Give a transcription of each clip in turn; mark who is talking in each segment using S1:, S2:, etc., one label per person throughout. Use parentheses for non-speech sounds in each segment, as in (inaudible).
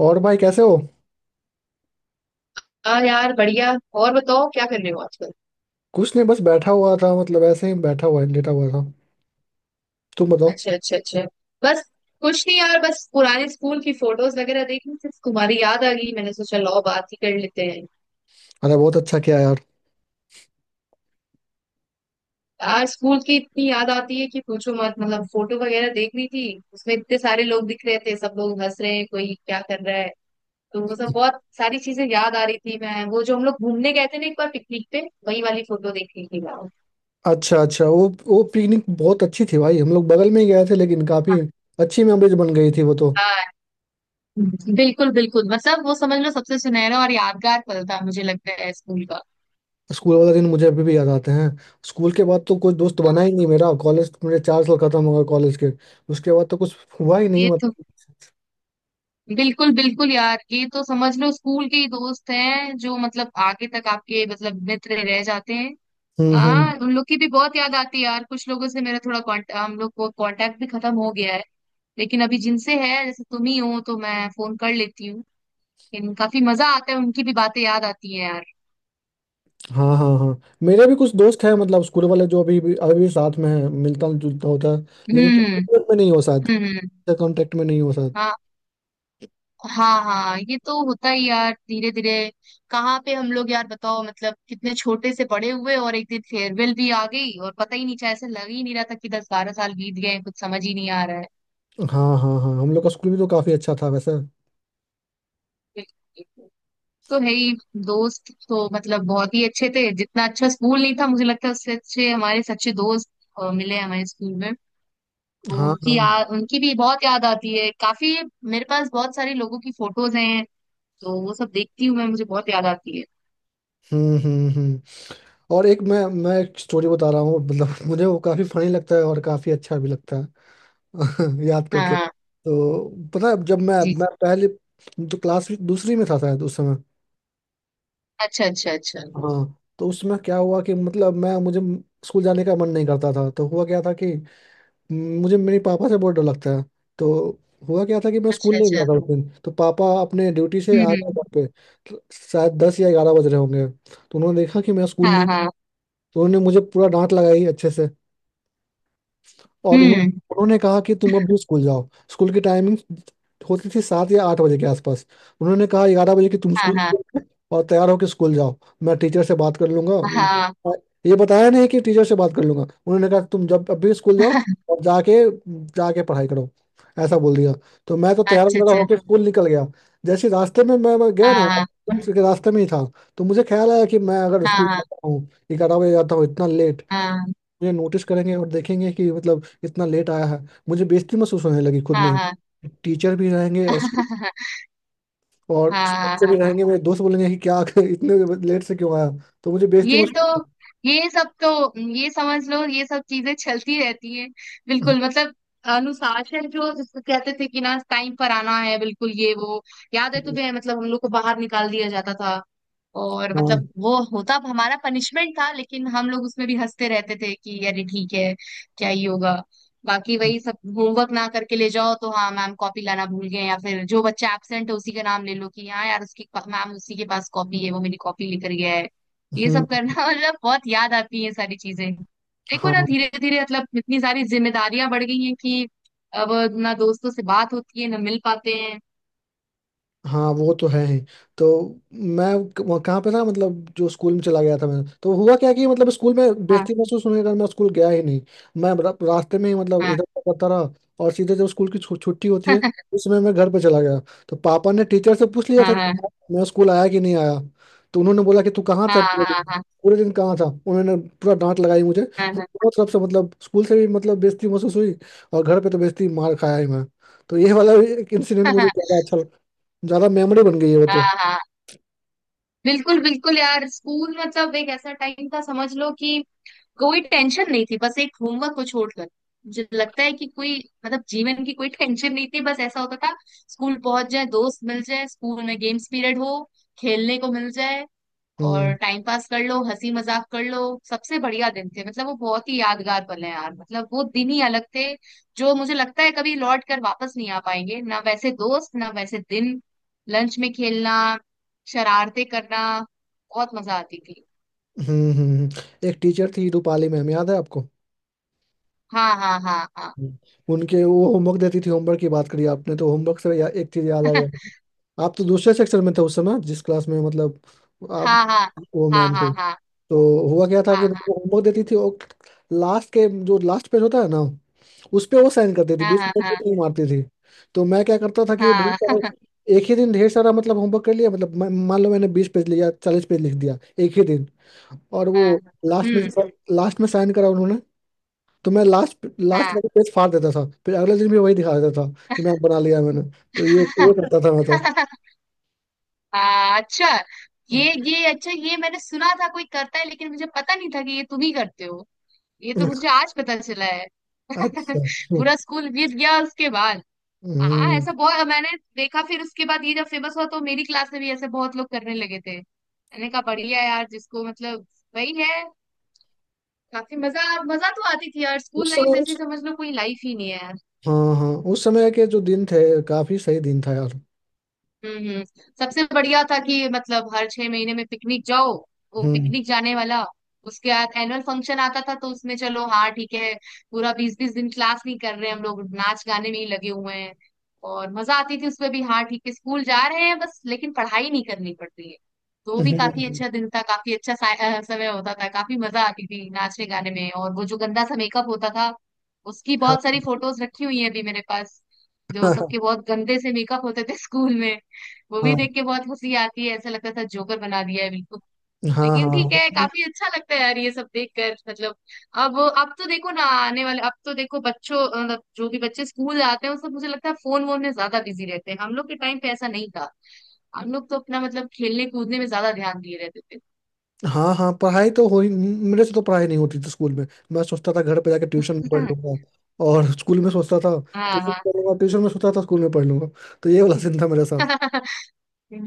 S1: और भाई कैसे हो।
S2: हाँ यार बढ़िया। और बताओ क्या कर रहे हो आजकल?
S1: कुछ नहीं बस बैठा हुआ था मतलब ऐसे ही बैठा हुआ लेटा हुआ था। तुम बताओ।
S2: अच्छा अच्छा अच्छा। बस। कुछ नहीं यार, बस पुराने स्कूल की फोटोज वगैरह देखी, सिर्फ तुम्हारी याद आ गई, मैंने सोचा लाओ बात ही कर लेते हैं।
S1: अरे बहुत अच्छा किया यार।
S2: यार स्कूल की इतनी याद आती है कि पूछो मत, मतलब फोटो वगैरह देख रही थी। उसमें इतने सारे लोग दिख रहे थे, सब लोग हंस रहे हैं, कोई क्या कर रहा है। तो वो सब बहुत सारी चीजें याद आ रही थी, मैं वो जो हम लोग घूमने गए थे ना एक बार पिकनिक पे, वही वाली फोटो देख रही थी मैं।
S1: अच्छा अच्छा वो पिकनिक बहुत अच्छी थी भाई, हम लोग बगल में ही गए थे लेकिन काफी अच्छी मेमोरीज बन गई थी वो तो।
S2: हाँ। बिल्कुल बिल्कुल, मतलब वो समझ लो सबसे सुनहरा और यादगार पल था, मुझे लगता है, स्कूल का।
S1: स्कूल वाला दिन मुझे अभी भी याद आते हैं। स्कूल के बाद तो कोई दोस्त बना
S2: हाँ।
S1: ही नहीं मेरा, कॉलेज मेरे चार साल खत्म हो गए कॉलेज के। उसके बाद तो कुछ हुआ ही नहीं
S2: ये तो
S1: मतलब।
S2: बिल्कुल बिल्कुल यार, ये तो समझ लो स्कूल के ही दोस्त हैं जो मतलब आगे तक आपके मतलब मित्र रह जाते हैं।
S1: हम्म।
S2: हाँ उन लोग की भी बहुत याद आती है यार, कुछ लोगों से मेरा थोड़ा कॉन्ट हम लोग को कांटेक्ट भी खत्म हो गया है। लेकिन अभी जिनसे है जैसे तुम ही हो तो मैं फोन कर लेती हूँ। लेकिन काफी मजा आता है, उनकी भी बातें याद आती है यार।
S1: हाँ हाँ हाँ, मेरे भी कुछ दोस्त हैं मतलब स्कूल वाले, जो अभी भी साथ में हैं, मिलता जुलता होता है। लेकिन तुम
S2: हम्म
S1: लोग में नहीं हो साथ,
S2: हम्म।
S1: कांटेक्ट में नहीं हो सकता।
S2: हाँ हाँ हाँ, ये तो होता ही यार धीरे धीरे। कहाँ पे हम लोग यार बताओ, मतलब कितने छोटे से बड़े हुए और एक दिन फेयरवेल भी आ गई और पता ही नहीं चला, ऐसे लग ही नहीं रहा था कि 10-12 साल बीत गए हैं, कुछ समझ ही नहीं आ रहा है।
S1: हाँ हाँ हाँ, हम लोग का स्कूल भी तो काफी अच्छा था वैसे।
S2: बिल्कुल। तो है ही। दोस्त तो मतलब बहुत ही अच्छे थे, जितना अच्छा स्कूल नहीं था मुझे लगता है, उससे अच्छे हमारे सच्चे दोस्त मिले हमारे स्कूल में। तो
S1: हाँ हाँ।
S2: उनकी याद, उनकी भी बहुत याद आती है काफी। मेरे पास बहुत सारे लोगों की फोटोज हैं, तो वो सब देखती हूँ मैं, मुझे बहुत याद आती है।
S1: हम्म। और एक मैं एक स्टोरी बता रहा हूँ मतलब (laughs) मुझे वो काफी फनी लगता है और काफी अच्छा भी लगता है (laughs) याद
S2: हाँ
S1: करके
S2: हाँ।
S1: तो। पता है जब मैं
S2: जी।
S1: मैं पहले तो क्लास दूसरी में था शायद उस समय।
S2: अच्छा अच्छा अच्छा।
S1: हाँ, तो उसमें क्या हुआ कि मतलब मैं मुझे स्कूल जाने का मन नहीं करता था, तो हुआ क्या था कि मुझे मेरे पापा से बहुत डर लगता है। तो हुआ क्या था कि मैं स्कूल
S2: अच्छा
S1: नहीं
S2: अच्छा।
S1: गया था उस दिन, तो पापा अपने ड्यूटी से आ गए
S2: हम्म।
S1: घर पे। तो शायद दस या ग्यारह बज रहे होंगे, तो उन्होंने देखा कि मैं स्कूल
S2: हाँ
S1: नहीं।
S2: हाँ।
S1: तो उन्होंने मुझे पूरा डांट लगाई अच्छे से और
S2: हम्म।
S1: उन्होंने कहा कि तुम अब भी स्कूल जाओ। स्कूल की टाइमिंग होती थी सात या आठ बजे के आसपास, उन्होंने कहा ग्यारह बजे कि तुम
S2: हाँ
S1: स्कूल
S2: हाँ
S1: और तैयार होकर स्कूल जाओ, मैं टीचर से बात कर लूंगा।
S2: हाँ।
S1: ये बताया नहीं कि टीचर से बात कर लूंगा, उन्होंने कहा तुम जब अब भी स्कूल जाओ
S2: (laughs)
S1: और जाके जाके पढ़ाई करो, ऐसा बोल दिया। तो मैं तो तैयार
S2: अच्छा
S1: वगैरह
S2: अच्छा।
S1: होकर स्कूल निकल गया। जैसे रास्ते में मैं गया ना,
S2: हाँ
S1: स्कूल के रास्ते में ही था, तो मुझे ख्याल आया कि मैं अगर स्कूल
S2: हाँ
S1: जाता हूँ, ग्यारह बजे जाता हूँ इतना लेट,
S2: हाँ
S1: मुझे नोटिस करेंगे और देखेंगे कि मतलब इतना लेट आया है। मुझे बेइज्जती महसूस होने लगी खुद
S2: हाँ।
S1: में
S2: हाँ हाँ हाँ।
S1: ही, टीचर भी रहेंगे और स्कूल,
S2: (laughs)
S1: और स्कूल
S2: हाँ हाँ
S1: से भी
S2: हाँ,
S1: रहेंगे मेरे दोस्त, बोलेंगे कि क्या (laughs) इतने लेट से क्यों आया। तो मुझे बेइज्जती
S2: ये तो,
S1: महसूस।
S2: ये सब तो, ये समझ लो ये सब चीजें चलती रहती है। बिल्कुल मतलब अनुशासन, जो जिसको कहते थे कि ना टाइम पर आना है, बिल्कुल ये वो। याद है तुम्हें मतलब हम लोग को बाहर निकाल दिया जाता था, और
S1: हाँ।
S2: मतलब वो होता हमारा पनिशमेंट था, लेकिन हम लोग उसमें भी हंसते रहते थे कि अरे ठीक है, क्या ही होगा। बाकी वही सब, होमवर्क ना करके ले जाओ तो हाँ मैम कॉपी लाना भूल गए, या फिर जो बच्चा एब्सेंट है उसी का नाम ले लो कि हाँ यार उसकी, मैम उसी के पास कॉपी है, वो मेरी कॉपी लेकर गया है। ये
S1: हम्म।
S2: सब करना (laughs) मतलब बहुत याद आती है ये सारी चीजें। देखो ना
S1: हाँ
S2: धीरे धीरे मतलब इतनी सारी जिम्मेदारियां बढ़ गई हैं कि अब, ना दोस्तों से बात होती है ना मिल पाते हैं।
S1: हाँ वो तो है ही। तो मैं कहाँ पे था मतलब, जो स्कूल में चला गया था मैं, तो हुआ क्या कि मतलब स्कूल में
S2: हाँ
S1: बेइज्जती महसूस होने के कारण मैं स्कूल गया ही नहीं। मैं रास्ते में ही मतलब
S2: हाँ।
S1: इधर उधर करता रहा और सीधे जब स्कूल की छुट्टी होती है
S2: (laughs)
S1: उस समय मैं घर पे चला गया। तो पापा ने टीचर से पूछ लिया
S2: हाँ
S1: था
S2: हाँ
S1: कि मैं स्कूल आया कि नहीं आया। तो उन्होंने बोला कि तू कहाँ
S2: हाँ
S1: था पूरे
S2: हाँ।
S1: दिन,
S2: हाँ
S1: पूरे दिन कहाँ था। उन्होंने पूरा डांट लगाई मुझे, हम
S2: हाँ
S1: दोनों तरफ से मतलब स्कूल से भी मतलब बेइज्जती महसूस हुई और घर पे तो बेइज्जती मार खाया ही मैं। तो ये वाला इंसिडेंट
S2: हाँ
S1: मुझे
S2: हाँ।
S1: ज्यादा अच्छा, ज्यादा मेमोरी बन गई है वो तो।
S2: हाँ। हाँ। बिल्कुल बिल्कुल यार, स्कूल मतलब एक ऐसा टाइम था समझ लो कि कोई टेंशन नहीं थी, बस एक होमवर्क को छोड़कर। मुझे लगता है कि कोई मतलब जीवन की कोई टेंशन नहीं थी, बस ऐसा होता था स्कूल पहुंच जाए, दोस्त मिल जाए, स्कूल में गेम्स पीरियड हो, खेलने को मिल जाए, और
S1: हम्म
S2: टाइम पास कर लो, हंसी मजाक कर लो। सबसे बढ़िया दिन थे, मतलब वो बहुत ही यादगार पल है यार, मतलब वो दिन ही अलग थे, जो मुझे लगता है कभी लौट कर वापस नहीं आ पाएंगे, ना वैसे दोस्त ना वैसे दिन। लंच में खेलना, शरारते करना, बहुत मजा आती थी।
S1: हम्म। हम्म। एक टीचर थी रूपाली मैम, याद है आपको।
S2: हाँ हाँ हाँ हाँ।
S1: हम्म। उनके वो होमवर्क देती थी, होमवर्क की बात करी आपने तो होमवर्क से एक चीज याद आई
S2: (laughs)
S1: आपको। आप तो दूसरे सेक्शन में थे उस समय जिस क्लास में मतलब आप,
S2: हाँ हाँ
S1: वो
S2: हाँ
S1: मैम थी।
S2: हाँ। हाँ
S1: तो हुआ क्या था कि
S2: हाँ
S1: वो होमवर्क देती थी और लास्ट के जो लास्ट पेज होता है ना, उस पे वो साइन करती थी,
S2: हाँ।
S1: बीच
S2: हाँ
S1: में वो
S2: हाँ
S1: नहीं मारती थी। तो मैं क्या करता था कि वो ढेर
S2: हाँ हाँ।
S1: सारे, एक ही दिन ढेर सारा मतलब होमवर्क कर लिया मतलब मान लो मैंने बीस पेज लिया, चालीस पेज लिख दिया एक ही दिन। और वो
S2: हाँ,
S1: लास्ट में,
S2: हम्म।
S1: लास्ट में साइन करा उन्होंने। तो मैं लास्ट लास्ट वाला पेज फाड़ देता था, फिर अगले दिन भी वही दिखा देता था कि मैं बना लिया मैंने। तो ये
S2: हाँ।
S1: ये करता था मैं तो।
S2: (laughs) अच्छा। ये अच्छा, ये मैंने सुना था कोई करता है, लेकिन मुझे पता नहीं था कि ये तुम ही करते हो, ये तो मुझे आज पता चला है।
S1: अच्छा।
S2: (laughs)
S1: हम्म।
S2: पूरा स्कूल बीत गया उसके बाद। हाँ
S1: हम्म।
S2: ऐसा बहुत मैंने देखा, फिर उसके बाद ये जब फेमस हुआ तो मेरी क्लास में भी ऐसे बहुत लोग करने लगे थे, मैंने कहा बढ़िया यार जिसको मतलब, वही है। काफी मजा, मजा तो आती थी यार, स्कूल
S1: उस
S2: लाइफ
S1: समय उस
S2: जैसी समझ लो कोई लाइफ ही नहीं है।
S1: हाँ हाँ, उस समय के जो दिन थे काफी सही दिन था यार।
S2: हम्म हम्म। सबसे बढ़िया था कि मतलब हर 6 महीने में पिकनिक जाओ, वो
S1: हम्म
S2: पिकनिक जाने वाला, उसके बाद एनुअल फंक्शन आता था, तो उसमें चलो हाँ ठीक है पूरा 20-20 दिन क्लास नहीं कर रहे हैं हम लोग, नाच गाने में ही लगे हुए हैं, और मजा आती थी उसमें भी, हाँ ठीक है स्कूल जा रहे हैं बस लेकिन पढ़ाई नहीं करनी पड़ती है। तो वो भी काफी
S1: हम्म।
S2: अच्छा दिन था, काफी अच्छा समय होता था, काफी मजा आती थी नाचने गाने में, और वो जो गंदा सा मेकअप होता था, उसकी
S1: हाँ
S2: बहुत सारी फोटोज रखी हुई है अभी मेरे पास, जो
S1: हाँ
S2: सबके बहुत गंदे से मेकअप होते थे (laughs) स्कूल में।
S1: हाँ
S2: मूवी
S1: हाँ।
S2: देख के बहुत हंसी आती है, ऐसा लगता था जोकर बना दिया है बिल्कुल।
S1: हाँ
S2: लेकिन ठीक है
S1: हाँ
S2: काफी अच्छा लगता है यार ये सब देख कर, मतलब अब तो देखो ना, आने वाले अब तो देखो बच्चों, मतलब जो भी बच्चे स्कूल जाते हैं वो सब, मुझे लगता है फोन वोन में ज्यादा बिजी रहते हैं, हम लोग के टाइम पे ऐसा नहीं था, हम लोग तो अपना मतलब खेलने कूदने में ज्यादा ध्यान दिए रहते थे।
S1: हाँ हाँ, पढ़ाई तो हो ही, मेरे से तो पढ़ाई नहीं होती थी स्कूल में। मैं सोचता था घर पे जाके ट्यूशन में पढ़ लूंगा, और स्कूल में सोचता था
S2: (laughs)
S1: कि ट्यूशन
S2: हाँ
S1: में पढ़ लूंगा, ट्यूशन में सोचता था स्कूल में पढ़ लूंगा। तो ये वाला सीन था मेरे साथ।
S2: हाँ। (laughs)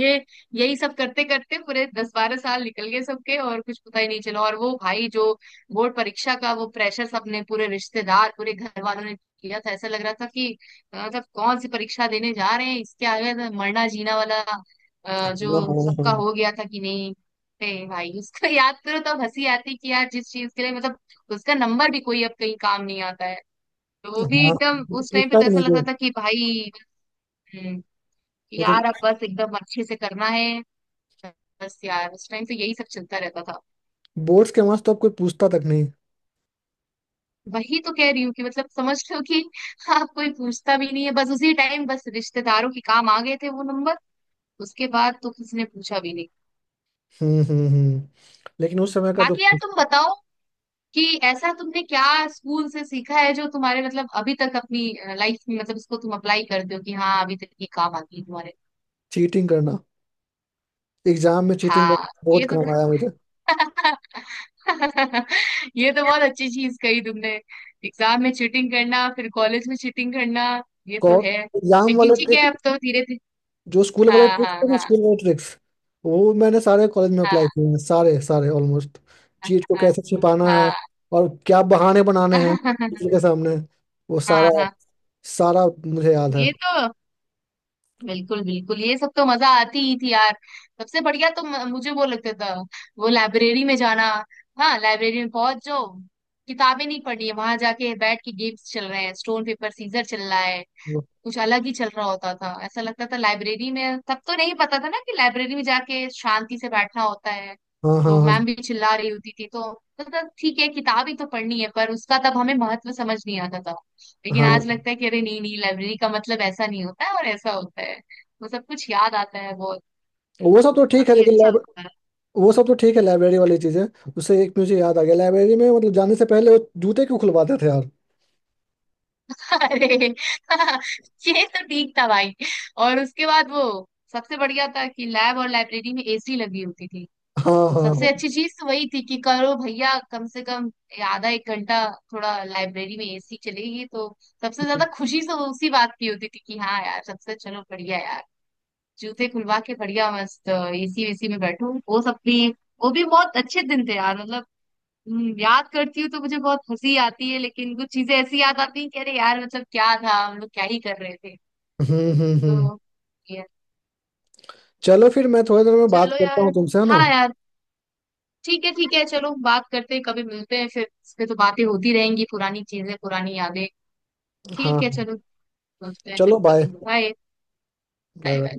S2: ये यही सब करते करते पूरे 10-12 साल निकल गए सबके, और कुछ पता ही नहीं चला। और वो भाई जो बोर्ड परीक्षा का वो प्रेशर, सबने, पूरे रिश्तेदार पूरे घर वालों ने किया था, ऐसा लग रहा था कि मतलब कौन सी परीक्षा देने जा रहे हैं, इसके आगे तो मरना जीना वाला
S1: हाँ
S2: जो सबका
S1: हाँ
S2: हो गया था कि नहीं। ए भाई उसको (laughs) याद करो तब हंसी आती कि यार जिस चीज के लिए मतलब, उसका नंबर भी कोई अब कहीं काम नहीं आता है, तो वो
S1: हाँ
S2: भी
S1: हाँ,
S2: एकदम,
S1: वो तो
S2: उस टाइम पे
S1: पूछता
S2: तो
S1: भी
S2: ऐसा
S1: नहीं
S2: लगता
S1: कोई।
S2: था कि भाई। हम्म। कि
S1: वो तो,
S2: यार अब बस एकदम अच्छे से करना है, बस यार उस टाइम तो यही सब चलता रहता था।
S1: बोर्ड्स के मार्क्स तो अब कोई पूछता तक नहीं।
S2: वही तो कह रही हूँ कि मतलब समझ लो कि (laughs) आप, कोई पूछता भी नहीं है, बस उसी टाइम बस रिश्तेदारों के काम आ गए थे वो नंबर, उसके बाद तो किसी ने पूछा भी नहीं।
S1: हम्म। लेकिन उस समय का जो
S2: बाकी यार तुम बताओ कि ऐसा तुमने क्या स्कूल से सीखा है जो तुम्हारे मतलब अभी तक अपनी लाइफ में मतलब इसको तुम अप्लाई करते हो कि हाँ अभी तक ये काम आ गई तुम्हारे।
S1: चीटिंग करना, एग्जाम में चीटिंग
S2: हाँ,
S1: करना बहुत
S2: ये तो।
S1: काम आया मुझे।
S2: (laughs) (laughs) ये तो बहुत अच्छी चीज कही तुमने, एग्जाम में चीटिंग करना फिर कॉलेज में चीटिंग करना, ये तो है।
S1: एग्जाम
S2: लेकिन
S1: वाले,
S2: ठीक है अब तो धीरे धीरे।
S1: जो स्कूल वाले
S2: हाँ
S1: ट्रिक्स
S2: हाँ
S1: थे ना,
S2: हाँ
S1: स्कूल वाले ट्रिक्स वो मैंने सारे कॉलेज में अप्लाई किए हैं, सारे सारे ऑलमोस्ट। चीट को
S2: हाँ
S1: कैसे छिपाना है
S2: हाँ
S1: और क्या बहाने बनाने हैं
S2: हाँ। (laughs)
S1: टीचर के सामने, वो सारा
S2: हाँ हाँ,
S1: सारा मुझे याद है।
S2: ये तो बिल्कुल बिल्कुल ये सब तो मजा आती ही थी यार। सबसे बढ़िया तो मुझे वो लगता था, वो लाइब्रेरी में जाना, हाँ लाइब्रेरी में पहुंच जाओ, किताबें नहीं पढ़नी है, वहां जाके बैठ के गेम्स चल रहे हैं, स्टोन पेपर सीजर चल रहा है,
S1: वो-
S2: कुछ अलग ही चल रहा होता था, ऐसा लगता था लाइब्रेरी में, तब तो नहीं पता था ना कि लाइब्रेरी में जाके शांति से बैठना होता है,
S1: हाँ हाँ
S2: तो
S1: हाँ
S2: मैम भी चिल्ला रही होती थी तो, मतलब ठीक है किताब ही तो पढ़नी है, पर उसका तब हमें महत्व समझ नहीं आता था। लेकिन आज
S1: हाँ।
S2: लगता है कि अरे नहीं नहीं, लाइब्रेरी का मतलब ऐसा नहीं होता है, और ऐसा होता है, वो सब कुछ याद आता है बहुत,
S1: वो सब
S2: तो
S1: तो ठीक है
S2: काफी
S1: लेकिन
S2: अच्छा
S1: लाइब
S2: होता है।
S1: वो सब तो ठीक है लाइब्रेरी वाली चीजें। उससे एक मुझे याद आ गया, लाइब्रेरी में मतलब जाने से पहले वो जूते क्यों खुलवाते थे यार।
S2: (laughs) अरे, (laughs) ये तो ठीक था भाई। और उसके बाद वो, सबसे बढ़िया था कि लैब और लाइब्रेरी में एसी लगी होती थी,
S1: हाँ
S2: तो
S1: हाँ
S2: सबसे
S1: हाँ।
S2: अच्छी चीज तो वही थी कि करो भैया कम से कम आधा एक घंटा, थोड़ा लाइब्रेरी में एसी चलेगी तो सबसे ज्यादा खुशी तो उसी बात की होती थी कि हाँ यार सबसे चलो बढ़िया यार, जूते खुलवा के बढ़िया मस्त एसी वेसी में बैठो, वो सब भी, वो भी बहुत अच्छे दिन थे यार, मतलब। याद करती हूँ तो मुझे बहुत हंसी आती है, लेकिन कुछ चीजें ऐसी याद आती हैं कि अरे यार मतलब क्या था हम लोग क्या ही कर रहे थे,
S1: हम्म।
S2: तो ये-
S1: चलो फिर मैं थोड़ी देर में बात
S2: चलो
S1: करता हूँ
S2: यार।
S1: तुमसे, है ना।
S2: हाँ यार, ठीक है ठीक है, चलो बात करते हैं, कभी मिलते हैं फिर, इस पे तो बातें होती रहेंगी, पुरानी चीजें पुरानी यादें, ठीक है
S1: हाँ
S2: चलो मिलते हैं फिर
S1: चलो बाय।
S2: कभी, bye.
S1: Bye
S2: bye bye.
S1: Bye.